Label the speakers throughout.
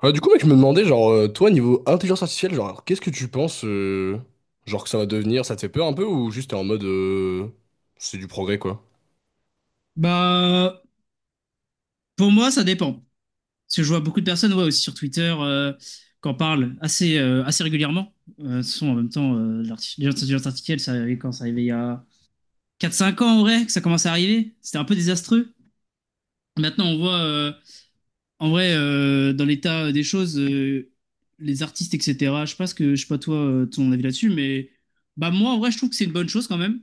Speaker 1: Ah, du coup, mec, je me demandais, genre, toi, niveau intelligence artificielle, genre, qu'est-ce que tu penses, genre, que ça va devenir? Ça te fait peur un peu ou juste t'es en mode, c'est du progrès, quoi?
Speaker 2: Bah, pour moi, ça dépend. Parce que je vois beaucoup de personnes, ouais, aussi sur Twitter, qu'en parlent assez régulièrement. De toute façon, en même temps, l'intelligence artificielle, ça arrivait quand ça arrivait il y a quatre cinq ans, en vrai, que ça commençait à arriver. C'était un peu désastreux. Maintenant, on voit, en vrai, dans l'état des choses, les artistes, etc. Je sais pas toi, ton avis là-dessus, mais bah, moi, en vrai, je trouve que c'est une bonne chose quand même.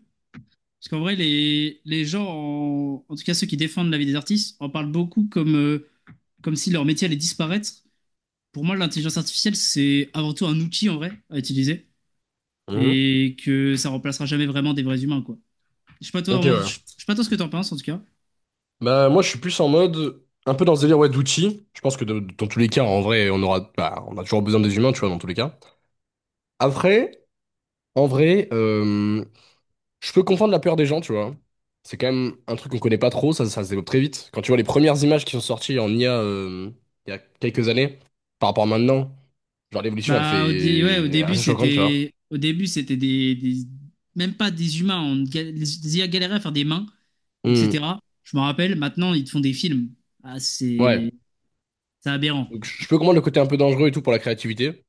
Speaker 2: Parce qu'en vrai, les gens, en tout cas ceux qui défendent la vie des artistes, en parlent beaucoup comme si leur métier allait disparaître. Pour moi, l'intelligence artificielle, c'est avant tout un outil en vrai à utiliser
Speaker 1: Mhm.
Speaker 2: et que ça remplacera jamais vraiment des vrais humains, quoi. Je sais pas toi,
Speaker 1: Ok, ouais.
Speaker 2: je sais pas toi ce que t'en penses en tout cas.
Speaker 1: Bah, moi, je suis plus en mode, un peu dans ce délire, ouais, d'outils. Je pense que dans tous les cas, en vrai, on aura, bah, on a toujours besoin des humains, tu vois, dans tous les cas. Après, en vrai, je peux comprendre la peur des gens, tu vois. C'est quand même un truc qu'on connaît pas trop, ça se développe très vite. Quand tu vois les premières images qui sont sorties en IA, il y a quelques années, par rapport à maintenant. Genre l'évolution, elle
Speaker 2: Bah, ouais,
Speaker 1: fait assez choquante, tu vois.
Speaker 2: au début, c'était des, même pas des humains, on ga- les IA galéraient à faire des mains,
Speaker 1: Hmm,
Speaker 2: etc. Je me rappelle, maintenant, ils te font des films. Ah,
Speaker 1: ouais.
Speaker 2: c'est aberrant.
Speaker 1: Donc je peux comprendre le côté un peu dangereux et tout pour la créativité.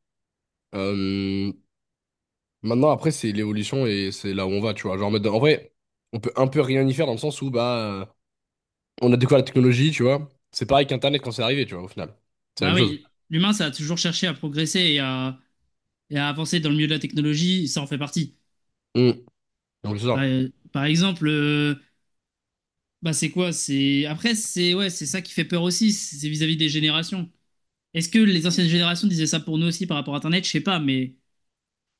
Speaker 1: Euh, Maintenant, après, c'est l'évolution et c'est là où on va, tu vois. Genre en mode, en vrai, on peut un peu rien y faire dans le sens où bah euh, on a découvert la technologie, tu vois. C'est pareil qu'Internet quand c'est arrivé, tu vois, au final. C'est la
Speaker 2: Bah
Speaker 1: même chose.
Speaker 2: oui, l'humain, ça a toujours cherché à progresser et à avancer dans le milieu de la technologie, ça en fait partie.
Speaker 1: Hmm. Donc c'est
Speaker 2: Par,
Speaker 1: ça.
Speaker 2: par exemple. Bah, c'est quoi? C'est après c'est Ouais, c'est ça qui fait peur aussi, c'est vis-à-vis des générations. Est-ce que les anciennes générations disaient ça pour nous aussi par rapport à Internet? Je sais pas, mais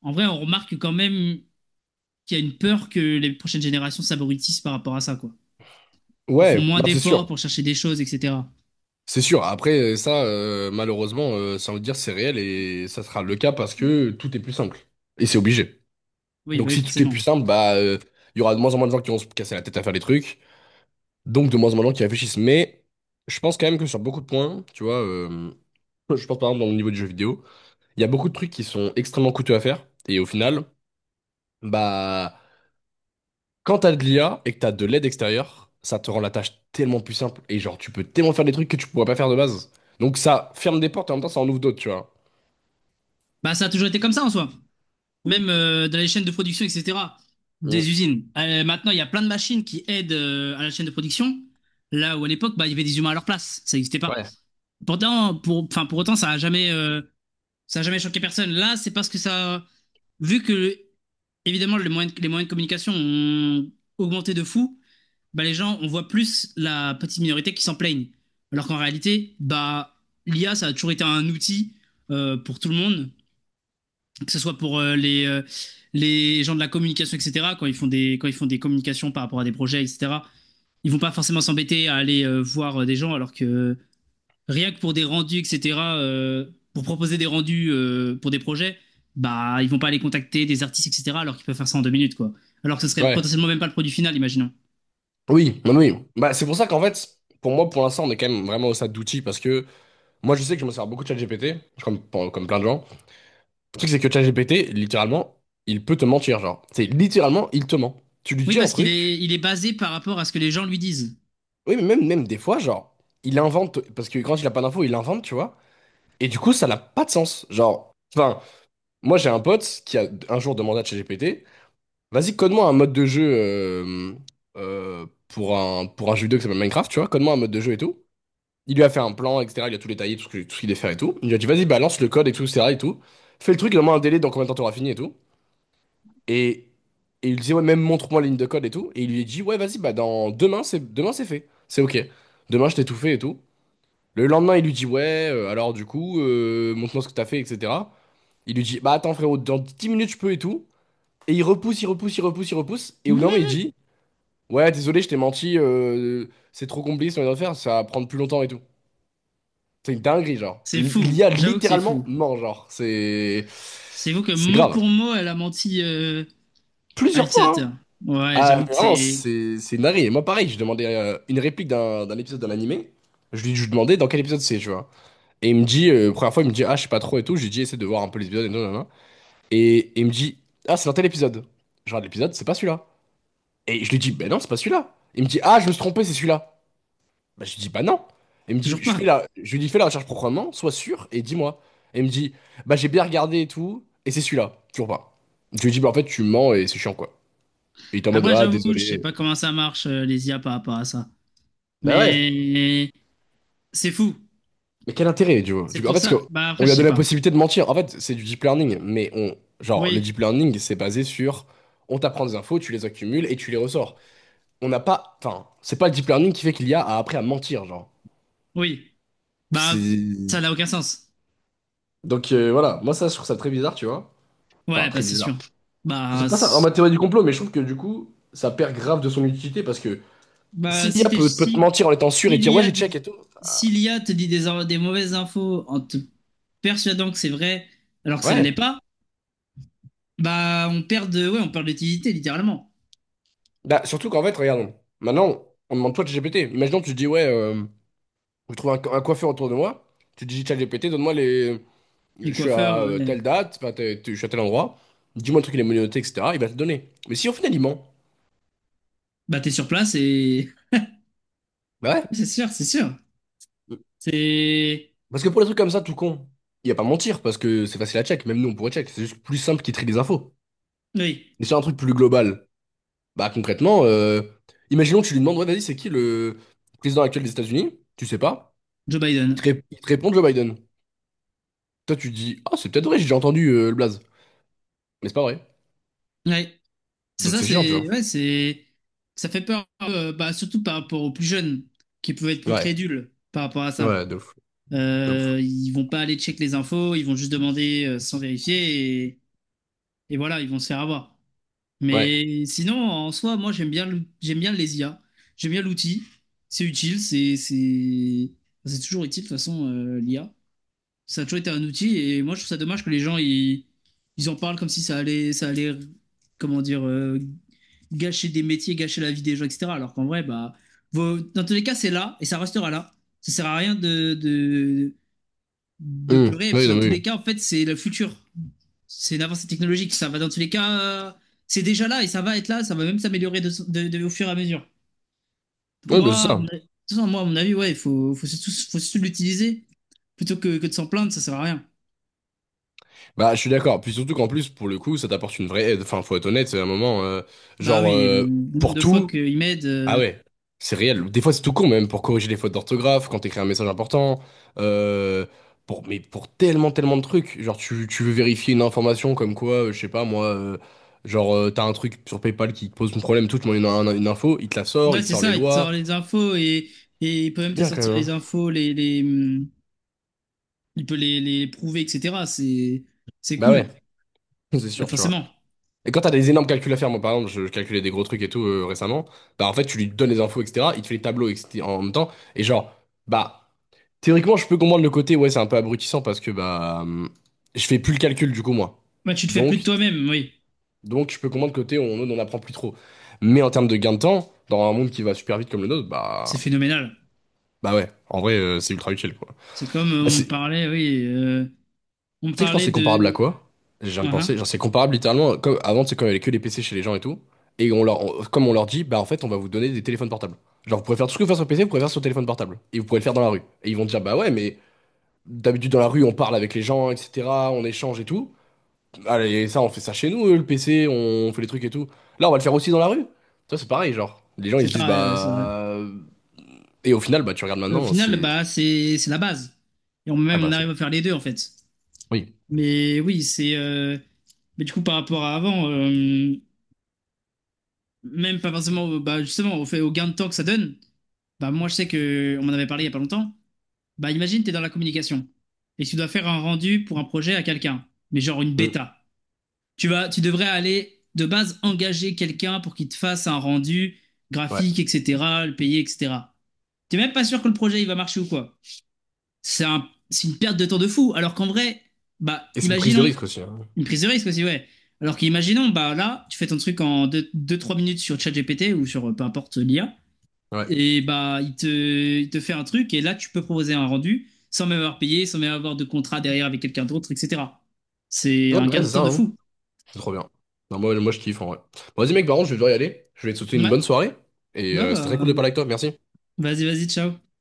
Speaker 2: en vrai, on remarque quand même qu'il y a une peur que les prochaines générations s'abrutissent par rapport à ça, quoi. Ils font
Speaker 1: Ouais,
Speaker 2: moins
Speaker 1: non, c'est
Speaker 2: d'efforts
Speaker 1: sûr.
Speaker 2: pour chercher des choses, etc.
Speaker 1: C'est sûr. Après, ça, malheureusement, ça veut dire c'est réel et ça sera le cas parce que tout est plus simple. Et c'est obligé.
Speaker 2: Oui, bah
Speaker 1: Donc
Speaker 2: oui,
Speaker 1: si tout est
Speaker 2: forcément.
Speaker 1: plus simple, bah, il y aura de moins en moins de gens qui vont se casser la tête à faire des trucs, donc de moins en moins de gens qui réfléchissent. Mais je pense quand même que sur beaucoup de points, tu vois, je pense par exemple dans le niveau du jeu vidéo, il y a beaucoup de trucs qui sont extrêmement coûteux à faire, et au final, bah, quand t'as de l'IA et que t'as de l'aide extérieure, ça te rend la tâche tellement plus simple, et genre tu peux tellement faire des trucs que tu pourrais pas faire de base. Donc ça ferme des portes et en même temps ça en ouvre d'autres, tu vois.
Speaker 2: Bah, ça a toujours été comme ça en soi. Même dans les chaînes de production, etc. Des
Speaker 1: Mm.
Speaker 2: usines. Maintenant, il y a plein de machines qui aident à la chaîne de production. Là où à l'époque, bah, il y avait des humains à leur place, ça n'existait pas.
Speaker 1: Ouais.
Speaker 2: Pourtant pour Enfin, pour autant, ça n'a jamais choqué personne. Là, c'est parce que ça. Vu que, évidemment, les moyens de communication ont augmenté de fou, bah, les gens, on voit plus la petite minorité qui s'en plaignent. Alors qu'en réalité, bah, l'IA, ça a toujours été un outil pour tout le monde, que ce soit pour les gens de la communication, etc., quand ils font des communications par rapport à des projets, etc. Ils vont pas forcément s'embêter à aller voir des gens, alors que, rien que pour des rendus, etc., pour proposer des rendus pour des projets, bah, ils vont pas aller contacter des artistes, etc., alors qu'ils peuvent faire ça en 2 minutes, quoi. Alors que ce serait
Speaker 1: Ouais.
Speaker 2: potentiellement même pas le produit final, imaginons.
Speaker 1: Oui, oui, oui. Bah, c'est pour ça qu'en fait, pour moi, pour l'instant, on est quand même vraiment au stade d'outils parce que moi, je sais que je me sers beaucoup de ChatGPT, comme, comme plein de gens. Le truc, c'est que ChatGPT, littéralement, il peut te mentir, genre. C'est littéralement, il te ment. Tu lui
Speaker 2: Oui,
Speaker 1: dis un
Speaker 2: parce qu'il est,
Speaker 1: truc,
Speaker 2: il est basé par rapport à ce que les gens lui disent.
Speaker 1: oui, mais même, même des fois, genre, il invente, parce que quand il a pas d'infos, il invente, tu vois. Et du coup, ça n'a pas de sens. Genre, enfin, moi, j'ai un pote qui a un jour demandé à ChatGPT, vas-y, code-moi un mode de jeu pour un jeu vidéo qui s'appelle Minecraft, tu vois, code-moi un mode de jeu et tout. Il lui a fait un plan, etc. Il a tout détaillé, tout ce qu'il devait faire et tout. Il lui a dit, vas-y, balance le code et tout, etc. et tout. Fais le truc, il a met un délai dans combien de temps t'auras fini et tout. Et, et il disait, ouais, même montre-moi la ligne de code et tout. Et il lui a dit, ouais, vas-y, bah, dans demain, c'est fait. C'est ok. Demain, je t'ai tout fait et tout. Le lendemain, il lui dit, ouais, alors du coup, montre-moi ce que t'as fait, etc. Il lui dit, bah, attends, frérot, dans 10 minutes, je peux et tout. Et il repousse, il repousse, il repousse, il repousse. Et au bout d'un moment, il dit, ouais, désolé, je t'ai menti, c'est trop compliqué ce qu'on vient de faire, ça va prendre plus longtemps et tout. C'est une dinguerie, genre.
Speaker 2: C'est fou,
Speaker 1: L'I a
Speaker 2: j'avoue que c'est
Speaker 1: littéralement
Speaker 2: fou.
Speaker 1: ment, genre. C'est.
Speaker 2: C'est vous que
Speaker 1: C'est
Speaker 2: mot pour
Speaker 1: grave.
Speaker 2: mot, elle a menti à
Speaker 1: Plusieurs fois, hein.
Speaker 2: l'utilisateur. Ouais,
Speaker 1: Ah,
Speaker 2: j'avoue
Speaker 1: mais
Speaker 2: que
Speaker 1: vraiment,
Speaker 2: c'est
Speaker 1: c'est une dinguerie. Et moi, pareil, je demandais une réplique d'un épisode d'un animé. Je lui demandais dans quel épisode c'est, tu vois. Et il me dit, première fois, il me dit, ah, je sais pas trop et tout. Je lui dis, essaie de voir un peu les épisodes et tout, nanana. Et il me dit, ah, c'est dans tel épisode. Je regarde l'épisode, c'est pas celui-là. Et je lui dis, ben non, c'est pas celui-là. Il me dit, ah, je me suis trompé, c'est celui-là. Bah, je lui dis, bah non. Elle me dit,
Speaker 2: toujours
Speaker 1: je
Speaker 2: pas.
Speaker 1: fais la... je lui dis, fais la recherche proprement, sois sûr et dis-moi. Elle me dit, bah j'ai bien regardé et tout, et c'est celui-là, toujours pas. Je lui dis, bah en fait, tu mens et c'est chiant, quoi. Et il était en mode,
Speaker 2: Après,
Speaker 1: ah,
Speaker 2: j'avoue, je sais
Speaker 1: désolé.
Speaker 2: pas comment ça marche, les IA par rapport à ça.
Speaker 1: Bah ouais.
Speaker 2: Mais c'est fou.
Speaker 1: Mais quel intérêt, tu vois?
Speaker 2: C'est
Speaker 1: Du coup, en
Speaker 2: pour
Speaker 1: fait, parce que
Speaker 2: ça. Bah,
Speaker 1: on
Speaker 2: après, je
Speaker 1: lui a
Speaker 2: sais
Speaker 1: donné la
Speaker 2: pas.
Speaker 1: possibilité de mentir. En fait, c'est du deep learning, mais on... genre, le
Speaker 2: Oui,
Speaker 1: deep learning, c'est basé sur, on t'apprend des infos, tu les accumules et tu les ressors. On n'a pas, enfin, c'est pas le deep learning qui fait qu'il y a à après à mentir, genre.
Speaker 2: oui. Bah,
Speaker 1: C'est...
Speaker 2: ça n'a aucun sens.
Speaker 1: Donc voilà, moi ça, je trouve ça très bizarre, tu vois. Enfin,
Speaker 2: Ouais, bah,
Speaker 1: très
Speaker 2: c'est
Speaker 1: bizarre.
Speaker 2: sûr. Bah,
Speaker 1: C'est pas ça, en ma
Speaker 2: s-
Speaker 1: théorie du complot, mais je trouve que du coup, ça perd grave de son utilité parce que si
Speaker 2: bah,
Speaker 1: l'IA
Speaker 2: si
Speaker 1: peut te
Speaker 2: t'es,
Speaker 1: mentir en étant sûr et
Speaker 2: si,
Speaker 1: te dire
Speaker 2: si
Speaker 1: ouais,
Speaker 2: l'IA
Speaker 1: j'ai check
Speaker 2: dit-
Speaker 1: et tout.
Speaker 2: si l'IA te dit des mauvaises infos en te persuadant que c'est vrai alors que ça ne
Speaker 1: Ouais.
Speaker 2: l'est pas, bah, ouais, on perd d'utilité littéralement.
Speaker 1: Bah, surtout qu'en fait, regarde, maintenant, on demande toi de GPT. Imaginons, tu dis ouais, je trouve un coiffeur autour de moi, tu dis chat GPT, donne-moi les. Je
Speaker 2: Les
Speaker 1: suis
Speaker 2: coiffeurs,
Speaker 1: à
Speaker 2: ouais.
Speaker 1: telle date, enfin, je suis à tel endroit, dis-moi le truc, il est menotté, etc. Il va te donner. Mais si au final, il ment,
Speaker 2: Bah, t'es sur place et
Speaker 1: bah ouais.
Speaker 2: c'est sûr, c'est sûr. C'est
Speaker 1: Parce que pour les trucs comme ça, tout con, il n'y a pas mentir parce que c'est facile à check, même nous, on pourrait check, c'est juste plus simple qu'il trie les infos.
Speaker 2: oui,
Speaker 1: Mais sur un truc plus global. Bah concrètement, imaginons que tu lui demandes, ouais, vas-y, c'est qui le président actuel des États-Unis? Tu sais pas.
Speaker 2: Joe
Speaker 1: Il te,
Speaker 2: Biden.
Speaker 1: il te répond Joe Biden. Toi, tu te dis, ah, c'est peut-être vrai, j'ai déjà entendu le blaze. Mais c'est pas vrai.
Speaker 2: Ouais, c'est
Speaker 1: Donc
Speaker 2: ça,
Speaker 1: c'est chiant, tu
Speaker 2: c'est
Speaker 1: vois.
Speaker 2: ouais, c'est ça fait peur, bah, surtout par rapport aux plus jeunes qui peuvent être plus
Speaker 1: Ouais,
Speaker 2: crédules par rapport à ça.
Speaker 1: ouais, de ouf, de ouf.
Speaker 2: Ils vont pas aller check les infos, ils vont juste demander sans vérifier et, voilà, ils vont se faire avoir.
Speaker 1: Ouais.
Speaker 2: Mais sinon, en soi, moi, j'aime bien les IA, j'aime bien l'outil, c'est utile, c'est toujours utile de toute façon, l'IA. Ça a toujours été un outil et moi, je trouve ça dommage que les gens, ils en parlent comme si ça allait ça allait comment dire gâcher des métiers, gâcher la vie des gens, etc. Alors qu'en vrai, bah, dans tous les cas, c'est là et ça restera là. Ça sert à rien de pleurer, parce
Speaker 1: Oui,
Speaker 2: que
Speaker 1: non,
Speaker 2: dans tous
Speaker 1: mais oui.
Speaker 2: les cas, en fait, c'est le futur. C'est l'avancée technologique. Ça va dans tous les cas, c'est déjà là et ça va être là, ça va même s'améliorer au fur et à mesure. Donc,
Speaker 1: Ouais, bah
Speaker 2: moi,
Speaker 1: c'est ça.
Speaker 2: de toute façon, moi, à mon avis, ouais, il faut, faut surtout l'utiliser plutôt que de s'en plaindre, ça sert à rien.
Speaker 1: Bah, je suis d'accord. Puis surtout qu'en plus, pour le coup, ça t'apporte une vraie aide. Enfin, faut être honnête, c'est un moment,
Speaker 2: Bah
Speaker 1: genre,
Speaker 2: oui, le nombre
Speaker 1: pour
Speaker 2: de fois
Speaker 1: tout,
Speaker 2: qu'il m'aide,
Speaker 1: ah ouais, c'est réel. Des fois, c'est tout con, même pour corriger les fautes d'orthographe, quand t'écris un message important, euh, mais pour tellement, tellement de trucs. Genre, tu veux vérifier une information comme quoi, je sais pas, moi, genre, t'as un truc sur PayPal qui te pose un problème, tout, tu demandes une info, il te la sort,
Speaker 2: ouais,
Speaker 1: il te
Speaker 2: c'est
Speaker 1: sort les
Speaker 2: ça, il te sort
Speaker 1: lois.
Speaker 2: les infos et il peut même
Speaker 1: C'est
Speaker 2: te
Speaker 1: bien quand
Speaker 2: sortir
Speaker 1: même,
Speaker 2: les
Speaker 1: hein.
Speaker 2: infos, il peut les prouver, etc. C'est
Speaker 1: Bah ouais,
Speaker 2: cool,
Speaker 1: c'est sûr, tu vois.
Speaker 2: forcément.
Speaker 1: Et quand t'as des énormes calculs à faire, moi, par exemple, je calculais des gros trucs et tout récemment, bah en fait, tu lui donnes les infos, etc., il te fait les tableaux etc., en même temps, et genre, bah. Théoriquement, je peux comprendre le côté, ouais, c'est un peu abrutissant parce que bah je fais plus le calcul du coup moi.
Speaker 2: Bah, tu te fais plus de
Speaker 1: Donc,
Speaker 2: toi-même, oui,
Speaker 1: je peux comprendre le côté où on n'en apprend plus trop. Mais en termes de gain de temps, dans un monde qui va super vite comme le nôtre,
Speaker 2: c'est
Speaker 1: bah
Speaker 2: phénoménal.
Speaker 1: bah ouais, en vrai c'est ultra utile quoi.
Speaker 2: C'est comme
Speaker 1: Bah, c'est, tu
Speaker 2: oui, on me
Speaker 1: sais que je pense que
Speaker 2: parlait
Speaker 1: c'est comparable à
Speaker 2: de.
Speaker 1: quoi? Je viens de
Speaker 2: Uhum.
Speaker 1: penser, genre c'est comparable littéralement, comme avant c'est quand il y avait que les PC chez les gens et tout, et comme on leur dit, bah en fait on va vous donner des téléphones portables. Genre vous pouvez faire tout ce que vous faites sur PC, vous pouvez faire sur téléphone portable, et vous pouvez le faire dans la rue. Et ils vont dire bah ouais mais d'habitude, dans la rue, on parle avec les gens, etc. On échange et tout. Allez, ça, on fait ça chez nous, le PC, on fait les trucs et tout. Là, on va le faire aussi dans la rue. Ça, c'est pareil, genre. Les gens, ils
Speaker 2: C'est
Speaker 1: se disent,
Speaker 2: pareil, ouais, c'est vrai.
Speaker 1: bah. Et au final, bah, tu regardes
Speaker 2: Au
Speaker 1: maintenant,
Speaker 2: final,
Speaker 1: c'est.
Speaker 2: bah, c'est la base. Et
Speaker 1: Ah,
Speaker 2: même,
Speaker 1: bah,
Speaker 2: on
Speaker 1: c'est.
Speaker 2: arrive à faire les deux, en fait.
Speaker 1: Oui.
Speaker 2: Mais oui, c'est. Mais du coup, par rapport à avant, même pas forcément, bah, justement, au fait, au gain de temps que ça donne, bah, moi, je sais que, on m'en avait parlé il y a pas longtemps. Bah, imagine, t'es dans la communication et tu dois faire un rendu pour un projet à quelqu'un, mais genre une
Speaker 1: Mm.
Speaker 2: bêta. Tu devrais aller de base engager quelqu'un pour qu'il te fasse un rendu
Speaker 1: Ouais.
Speaker 2: graphique, etc., le payer, etc. T'es même pas sûr que le projet il va marcher ou quoi. C'est une perte de temps de fou. Alors qu'en vrai, bah,
Speaker 1: Et c'est une prise de
Speaker 2: imaginons,
Speaker 1: risque aussi, hein.
Speaker 2: une prise de risque aussi, ouais. Alors qu'imaginons, bah là, tu fais ton truc en deux trois minutes sur ChatGPT ou sur peu importe l'IA,
Speaker 1: Ouais.
Speaker 2: et bah, il te fait un truc, et là, tu peux proposer un rendu sans même avoir payé, sans même avoir de contrat derrière avec quelqu'un d'autre, etc. C'est
Speaker 1: Ouais, bah,
Speaker 2: un
Speaker 1: ouais,
Speaker 2: gain de
Speaker 1: c'est
Speaker 2: temps
Speaker 1: ça,
Speaker 2: de
Speaker 1: hein.
Speaker 2: fou.
Speaker 1: C'est trop bien. Non, moi, moi, je kiffe, en vrai. Bon, vas-y, mec, par contre, je vais devoir y aller. Je vais te souhaiter une
Speaker 2: Ouais,
Speaker 1: bonne soirée. Et
Speaker 2: ouais,
Speaker 1: c'était très cool de
Speaker 2: bah.
Speaker 1: parler avec toi. Merci.
Speaker 2: Vas-y, vas-y, ciao.